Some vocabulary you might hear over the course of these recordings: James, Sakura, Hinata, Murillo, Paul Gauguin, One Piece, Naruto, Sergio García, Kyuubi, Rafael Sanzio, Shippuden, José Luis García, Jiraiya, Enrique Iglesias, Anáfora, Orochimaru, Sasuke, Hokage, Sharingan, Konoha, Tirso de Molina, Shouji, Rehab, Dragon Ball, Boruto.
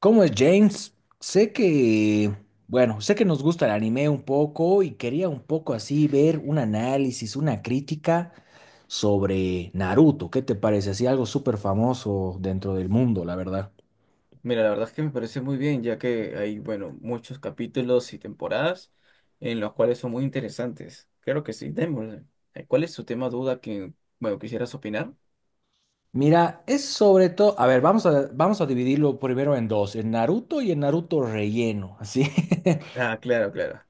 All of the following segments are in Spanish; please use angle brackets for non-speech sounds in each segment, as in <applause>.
¿Cómo es James? Sé que, bueno, sé que nos gusta el anime un poco y quería un poco así ver un análisis, una crítica sobre Naruto. ¿Qué te parece? Así algo súper famoso dentro del mundo, la verdad. Mira, la verdad es que me parece muy bien, ya que hay, bueno, muchos capítulos y temporadas en los cuales son muy interesantes. Claro que sí, démosle. ¿Cuál es tu tema duda que, bueno, ¿quisieras opinar? Mira, es sobre todo, a ver, vamos a dividirlo primero en dos, el Naruto y el Naruto relleno, así. Ah, claro, claro.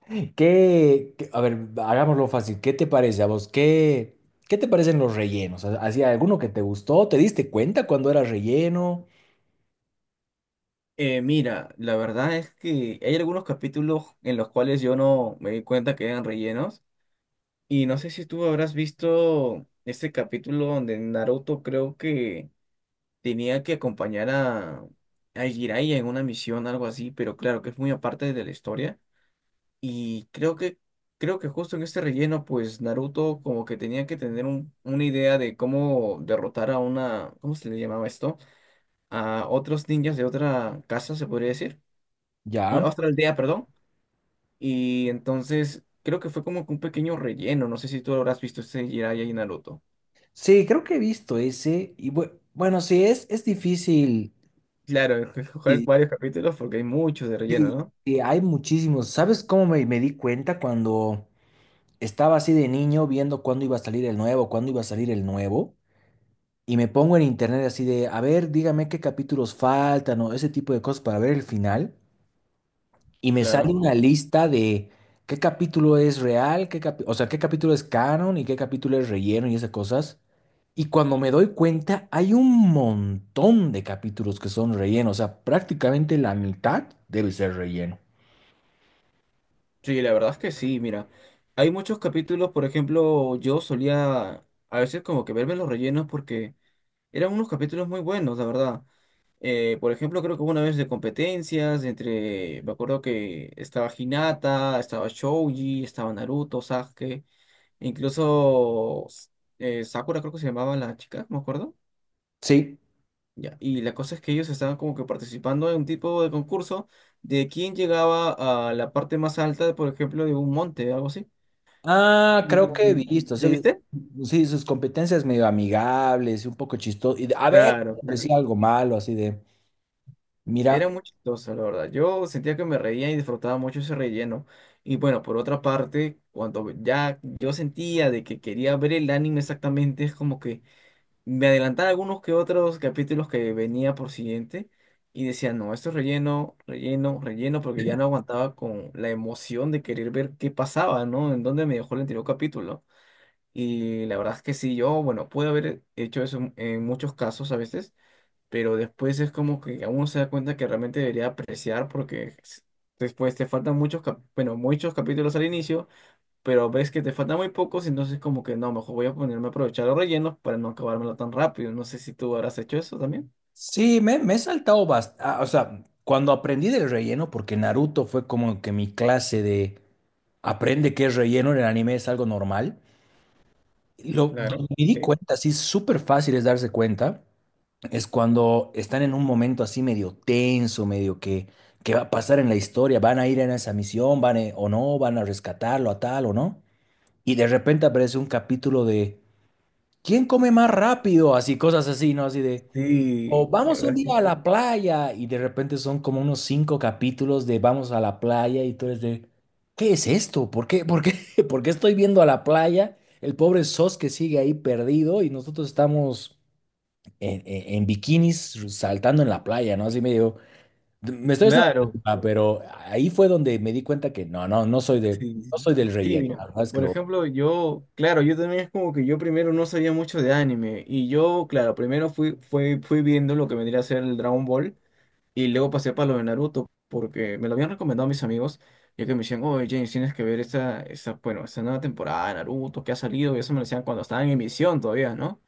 <laughs> A ver, hagámoslo fácil. ¿Qué te parece a vos? ¿Qué te parecen los rellenos? ¿Hacía alguno que te gustó? ¿Te diste cuenta cuando era relleno? Mira, la verdad es que hay algunos capítulos en los cuales yo no me di cuenta que eran rellenos. Y no sé si tú habrás visto este capítulo donde Naruto creo que tenía que acompañar a Jiraiya en una misión, algo así, pero claro que es muy aparte de la historia. Y creo que justo en este relleno, pues Naruto como que tenía que tener una idea de cómo derrotar a una, ¿cómo se le llamaba esto? A otros ninjas de otra casa, se podría decir. Ya. Otra aldea, perdón. Y entonces creo que fue como que un pequeño relleno. No sé si tú habrás visto este Jiraiya y Naruto. Sí, creo que he visto ese. Y bueno, sí, es difícil. Claro, <laughs> jugar Y, varios capítulos porque hay muchos de relleno, y- ¿no? y hay muchísimos. ¿Sabes cómo me di cuenta cuando estaba así de niño viendo cuándo iba a salir el nuevo, cuándo iba a salir el nuevo? Y me pongo en internet así de, a ver, dígame qué capítulos faltan o ese tipo de cosas para ver el final. Y me sale Claro. una lista de qué capítulo es real, o sea, qué capítulo es canon y qué capítulo es relleno y esas cosas. Y cuando me doy cuenta, hay un montón de capítulos que son relleno, o sea, prácticamente la mitad debe ser relleno. Sí, la verdad es que sí, mira. Hay muchos capítulos, por ejemplo, yo solía a veces como que verme los rellenos porque eran unos capítulos muy buenos, la verdad. Por ejemplo, creo que hubo una vez de competencias entre, me acuerdo que estaba Hinata, estaba Shouji, estaba Naruto, Sasuke, e incluso Sakura creo que se llamaba la chica, me acuerdo. Sí. Ya. Y la cosa es que ellos estaban como que participando en un tipo de concurso de quién llegaba a la parte más alta, por ejemplo, de un monte, algo así. Ah, ¿Y creo que he visto, sí lo sí. viste? Sí, sus competencias medio amigables y un poco chistoso. A ver, Claro, claro. decía algo malo, así de, mira. Era muy chistoso, la verdad. Yo sentía que me reía y disfrutaba mucho ese relleno. Y bueno, por otra parte, cuando ya yo sentía de que quería ver el anime exactamente, es como que me adelantaba algunos que otros capítulos que venía por siguiente y decía, no, esto es relleno, relleno, relleno, porque ya no aguantaba con la emoción de querer ver qué pasaba, ¿no? En dónde me dejó el anterior capítulo. Y la verdad es que sí, yo, bueno, pude haber hecho eso en muchos casos a veces, pero después es como que uno se da cuenta que realmente debería apreciar porque después te faltan muchos, bueno, muchos capítulos al inicio, pero ves que te faltan muy pocos, entonces como que no, mejor voy a ponerme a aprovechar los rellenos para no acabármelo tan rápido. No sé si tú habrás hecho eso también. Sí, me he saltado bastante. O sea, cuando aprendí del relleno, porque Naruto fue como que mi clase de aprende qué es relleno en el anime es algo normal. Claro, Donde me di sí. cuenta, así súper fácil es darse cuenta, es cuando están en un momento así medio tenso, medio que va a pasar en la historia, van a ir en esa misión, o no, van a rescatarlo a tal o no. Y de repente aparece un capítulo de ¿quién come más rápido? Así, cosas así, ¿no? Así de. Sí, O la vamos un verdad es día que a la playa y de repente son como unos cinco capítulos de vamos a la playa y tú eres de, ¿qué es esto? ¿Por qué? ¿Por qué? <laughs> ¿Por qué estoy viendo a la playa? El pobre Sos que sigue ahí perdido y nosotros estamos en bikinis saltando en la playa, ¿no? Así medio, me estoy haciendo claro, culpa, pero ahí fue donde me di cuenta que no, no, no soy de, sí, sí, no sí, soy del sí, relleno, mira, la verdad es que por lo... ejemplo, yo, claro, yo también es como que yo primero no sabía mucho de anime y yo, claro, primero fui viendo lo que vendría a ser el Dragon Ball. Y luego pasé para lo de Naruto, porque me lo habían recomendado mis amigos, ya que me decían, oye, James, tienes que ver bueno, esta nueva temporada de Naruto que ha salido, y eso me lo decían cuando estaba en emisión todavía, ¿no?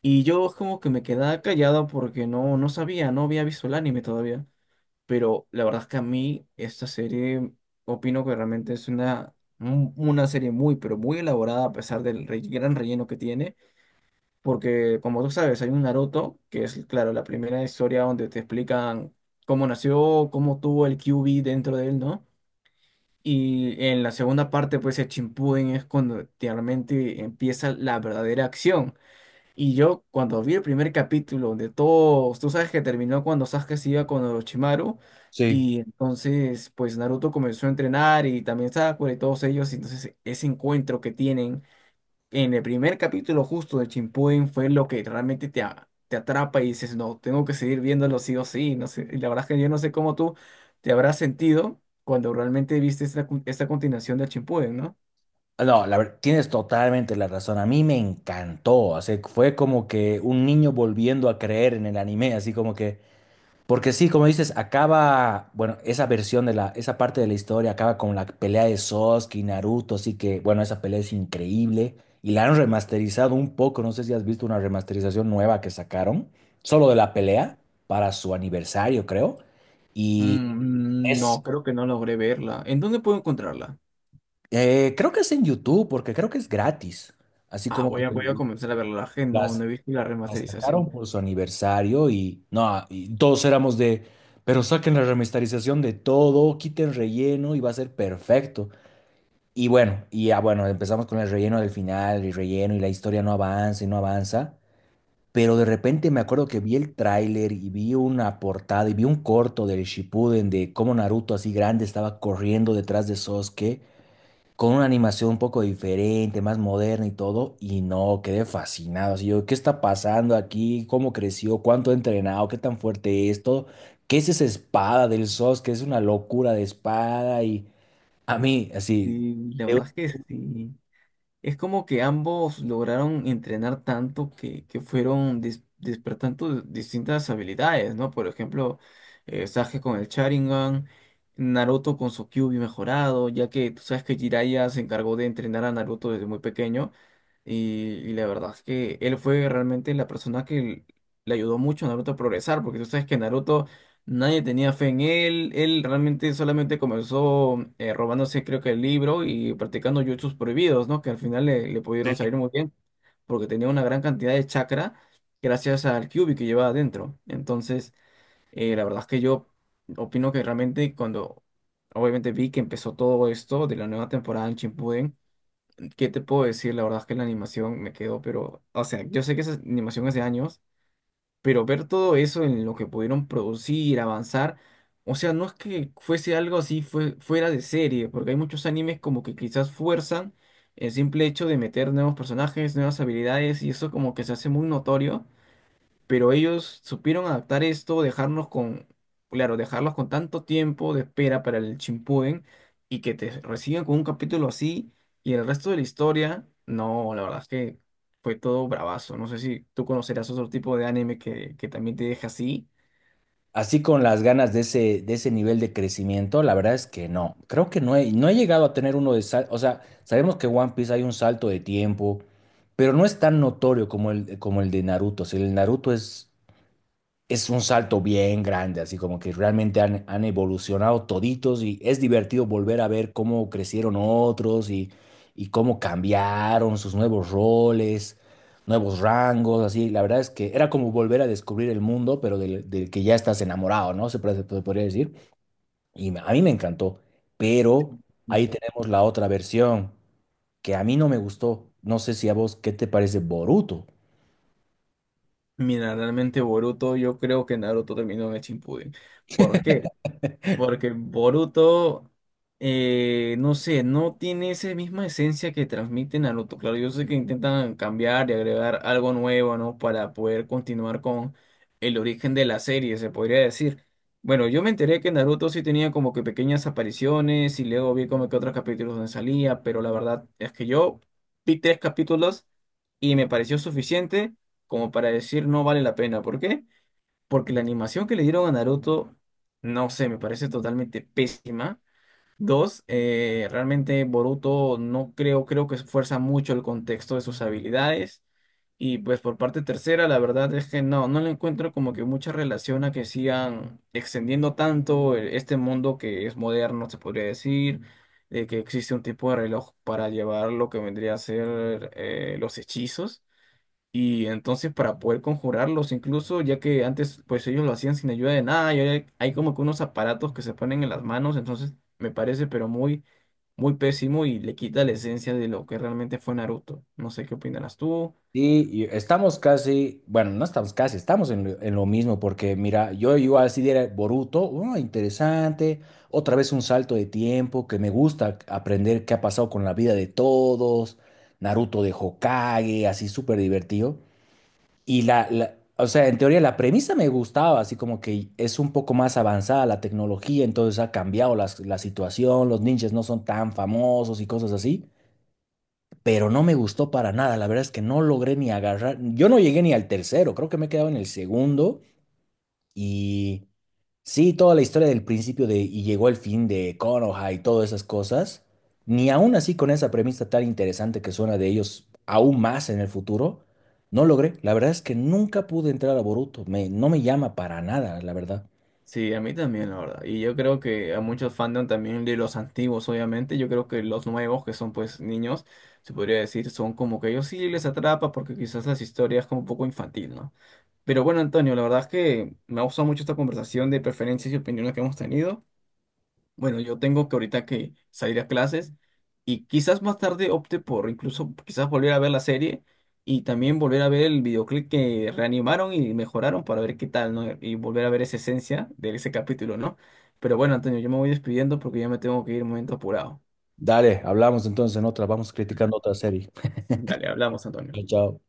Y yo como que me quedaba callado porque no sabía, no había visto el anime todavía. Pero la verdad es que a mí esta serie, opino que realmente es una serie muy, pero muy elaborada a pesar del gran relleno que tiene. Porque, como tú sabes, hay un Naruto, que es, claro, la primera historia donde te explican cómo nació, cómo tuvo el Kyuubi dentro de él, ¿no? Y en la segunda parte, pues el Shippuden es cuando realmente empieza la verdadera acción. Y yo, cuando vi el primer capítulo, donde todos, tú sabes que terminó cuando Sasuke se iba con Orochimaru, Sí. y entonces, pues Naruto comenzó a entrenar y también Sakura y todos ellos, y entonces ese encuentro que tienen en el primer capítulo justo de Chimpuden fue lo que realmente te atrapa y dices, no, tengo que seguir viéndolo sí o sí. No sé, y la verdad es que yo no sé cómo tú te habrás sentido cuando realmente viste esta, esta continuación de Chimpuden, ¿no? No, tienes totalmente la razón. A mí me encantó. O sea, fue como que un niño volviendo a creer en el anime, así como que. Porque sí, como dices, acaba. Bueno, esa versión de la. Esa parte de la historia acaba con la pelea de Sasuke y Naruto. Así que, bueno, esa pelea es increíble. Y la han remasterizado un poco. No sé si has visto una remasterización nueva que sacaron. Solo de la pelea. Para su aniversario, creo. Y Mm, no, es. creo que no logré verla. ¿En dónde puedo encontrarla? Creo que es en YouTube, porque creo que es gratis. Así Ah, como que. Voy a comenzar a verla. La verdad es que La no, no he visto la La remasterización. sacaron por su aniversario y no, y todos éramos de, pero saquen la remasterización de todo, quiten relleno y va a ser perfecto. Y bueno, y ya bueno, empezamos con el relleno del final y relleno y la historia no avanza y no avanza. Pero de repente me acuerdo que vi el tráiler y vi una portada y vi un corto del Shippuden de cómo Naruto así grande estaba corriendo detrás de Sasuke con una animación un poco diferente, más moderna y todo, y no, quedé fascinado. Así yo, ¿qué está pasando aquí? ¿Cómo creció? ¿Cuánto ha entrenado? ¿Qué tan fuerte es todo? ¿Qué es esa espada del SOS? Que es una locura de espada y a mí, así, Sí, la de- verdad es que sí. Es como que ambos lograron entrenar tanto que fueron despertando distintas habilidades, ¿no? Por ejemplo, Sasuke con el Sharingan, Naruto con su Kyuubi mejorado, ya que tú sabes que Jiraiya se encargó de entrenar a Naruto desde muy pequeño. Y, y la verdad es que él fue realmente la persona que le ayudó mucho a Naruto a progresar, porque tú sabes que Naruto, nadie tenía fe en él. Él realmente solamente comenzó robándose creo que el libro y practicando jutsus prohibidos, ¿no? Que al final le pudieron salir muy bien, porque tenía una gran cantidad de chakra gracias al Kyuubi que llevaba adentro. Entonces, la verdad es que yo opino que realmente cuando obviamente vi que empezó todo esto de la nueva temporada en Shippuden, ¿qué te puedo decir? La verdad es que la animación me quedó, pero, o sea, yo sé que esa animación hace años, pero ver todo eso en lo que pudieron producir, avanzar, o sea, no es que fuese algo así fue, fuera de serie, porque hay muchos animes como que quizás fuerzan el simple hecho de meter nuevos personajes, nuevas habilidades, y eso como que se hace muy notorio, pero ellos supieron adaptar esto, dejarnos con, claro, dejarlos con tanto tiempo de espera para el Shippuden y que te reciban con un capítulo así y el resto de la historia, no, la verdad es que fue todo bravazo. No sé si tú conocerás otro tipo de que también te deja así. así con las ganas de ese nivel de crecimiento, la verdad es que no. Creo que no he llegado a tener uno de sal, o sea, sabemos que One Piece hay un salto de tiempo, pero no es tan notorio como como el de Naruto. O sea, el Naruto es un salto bien grande, así como que realmente han evolucionado toditos y es divertido volver a ver cómo crecieron otros y cómo cambiaron sus nuevos roles, nuevos rangos, así. La verdad es que era como volver a descubrir el mundo, pero del que ya estás enamorado, ¿no? Se podría decir. A mí me encantó, pero ahí Mm. tenemos la otra versión que a mí no me gustó. No sé si a vos, ¿qué te parece Boruto? Mira, realmente Boruto, yo creo que Naruto terminó en el Shippuden. ¿Por qué? Porque Boruto, no sé, no tiene esa misma esencia que transmite Naruto. Claro, yo sé que intentan cambiar y agregar algo nuevo, ¿no? Para poder continuar con el origen de la serie, se podría decir. Bueno, yo me enteré que Naruto sí tenía como que pequeñas apariciones y luego vi como que otros capítulos donde salía, pero la verdad es que yo vi tres capítulos y me pareció suficiente como para decir no vale la pena. ¿Por qué? Porque la animación que le dieron a Naruto, no sé, me parece totalmente pésima. Dos, realmente Boruto no creo, creo que esfuerza mucho el contexto de sus habilidades. Y pues por parte tercera, la verdad es que no, no le encuentro como que mucha relación a que sigan extendiendo tanto, este mundo que es moderno, se podría decir, de que existe un tipo de reloj para llevar lo que vendría a ser, los hechizos. Y entonces para poder conjurarlos, incluso ya que antes pues ellos lo hacían sin ayuda de nada, y ahora hay como que unos aparatos que se ponen en las manos, entonces me parece pero muy pésimo y le quita la esencia de lo que realmente fue Naruto. No sé qué opinarás tú. Sí, y estamos casi, bueno, no estamos casi, estamos en en lo mismo, porque mira, yo igual si diera Boruto, oh, interesante, otra vez un salto de tiempo, que me gusta aprender qué ha pasado con la vida de todos, Naruto de Hokage, así súper divertido. O sea, en teoría la premisa me gustaba, así como que es un poco más avanzada la tecnología, entonces ha cambiado la situación, los ninjas no son tan famosos y cosas así, pero no me gustó para nada. La verdad es que no logré ni agarrar. Yo no llegué ni al tercero, creo que me he quedado en el segundo. Y sí, toda la historia del principio de y llegó el fin de Konoha y todas esas cosas. Ni aún así con esa premisa tan interesante que suena de ellos aún más en el futuro, no logré. La verdad es que nunca pude entrar a Boruto. Me, no me llama para nada, la verdad. Sí, a mí también, la verdad. Y yo creo que a muchos fandom también de los antiguos, obviamente. Yo creo que los nuevos, que son pues niños, se podría decir, son como que ellos sí les atrapa porque quizás las historias como un poco infantil, ¿no? Pero bueno, Antonio, la verdad es que me ha gustado mucho esta conversación de preferencias y opiniones que hemos tenido. Bueno, yo tengo que ahorita que salir a clases y quizás más tarde opte por incluso quizás volver a ver la serie y también volver a ver el videoclip que reanimaron y mejoraron para ver qué tal, ¿no? Y volver a ver esa esencia de ese capítulo, ¿no? Pero bueno, Antonio, yo me voy despidiendo porque ya me tengo que ir un momento apurado. Dale, hablamos entonces en otra. Vamos criticando otra serie. Dale, hablamos, Antonio. Chao.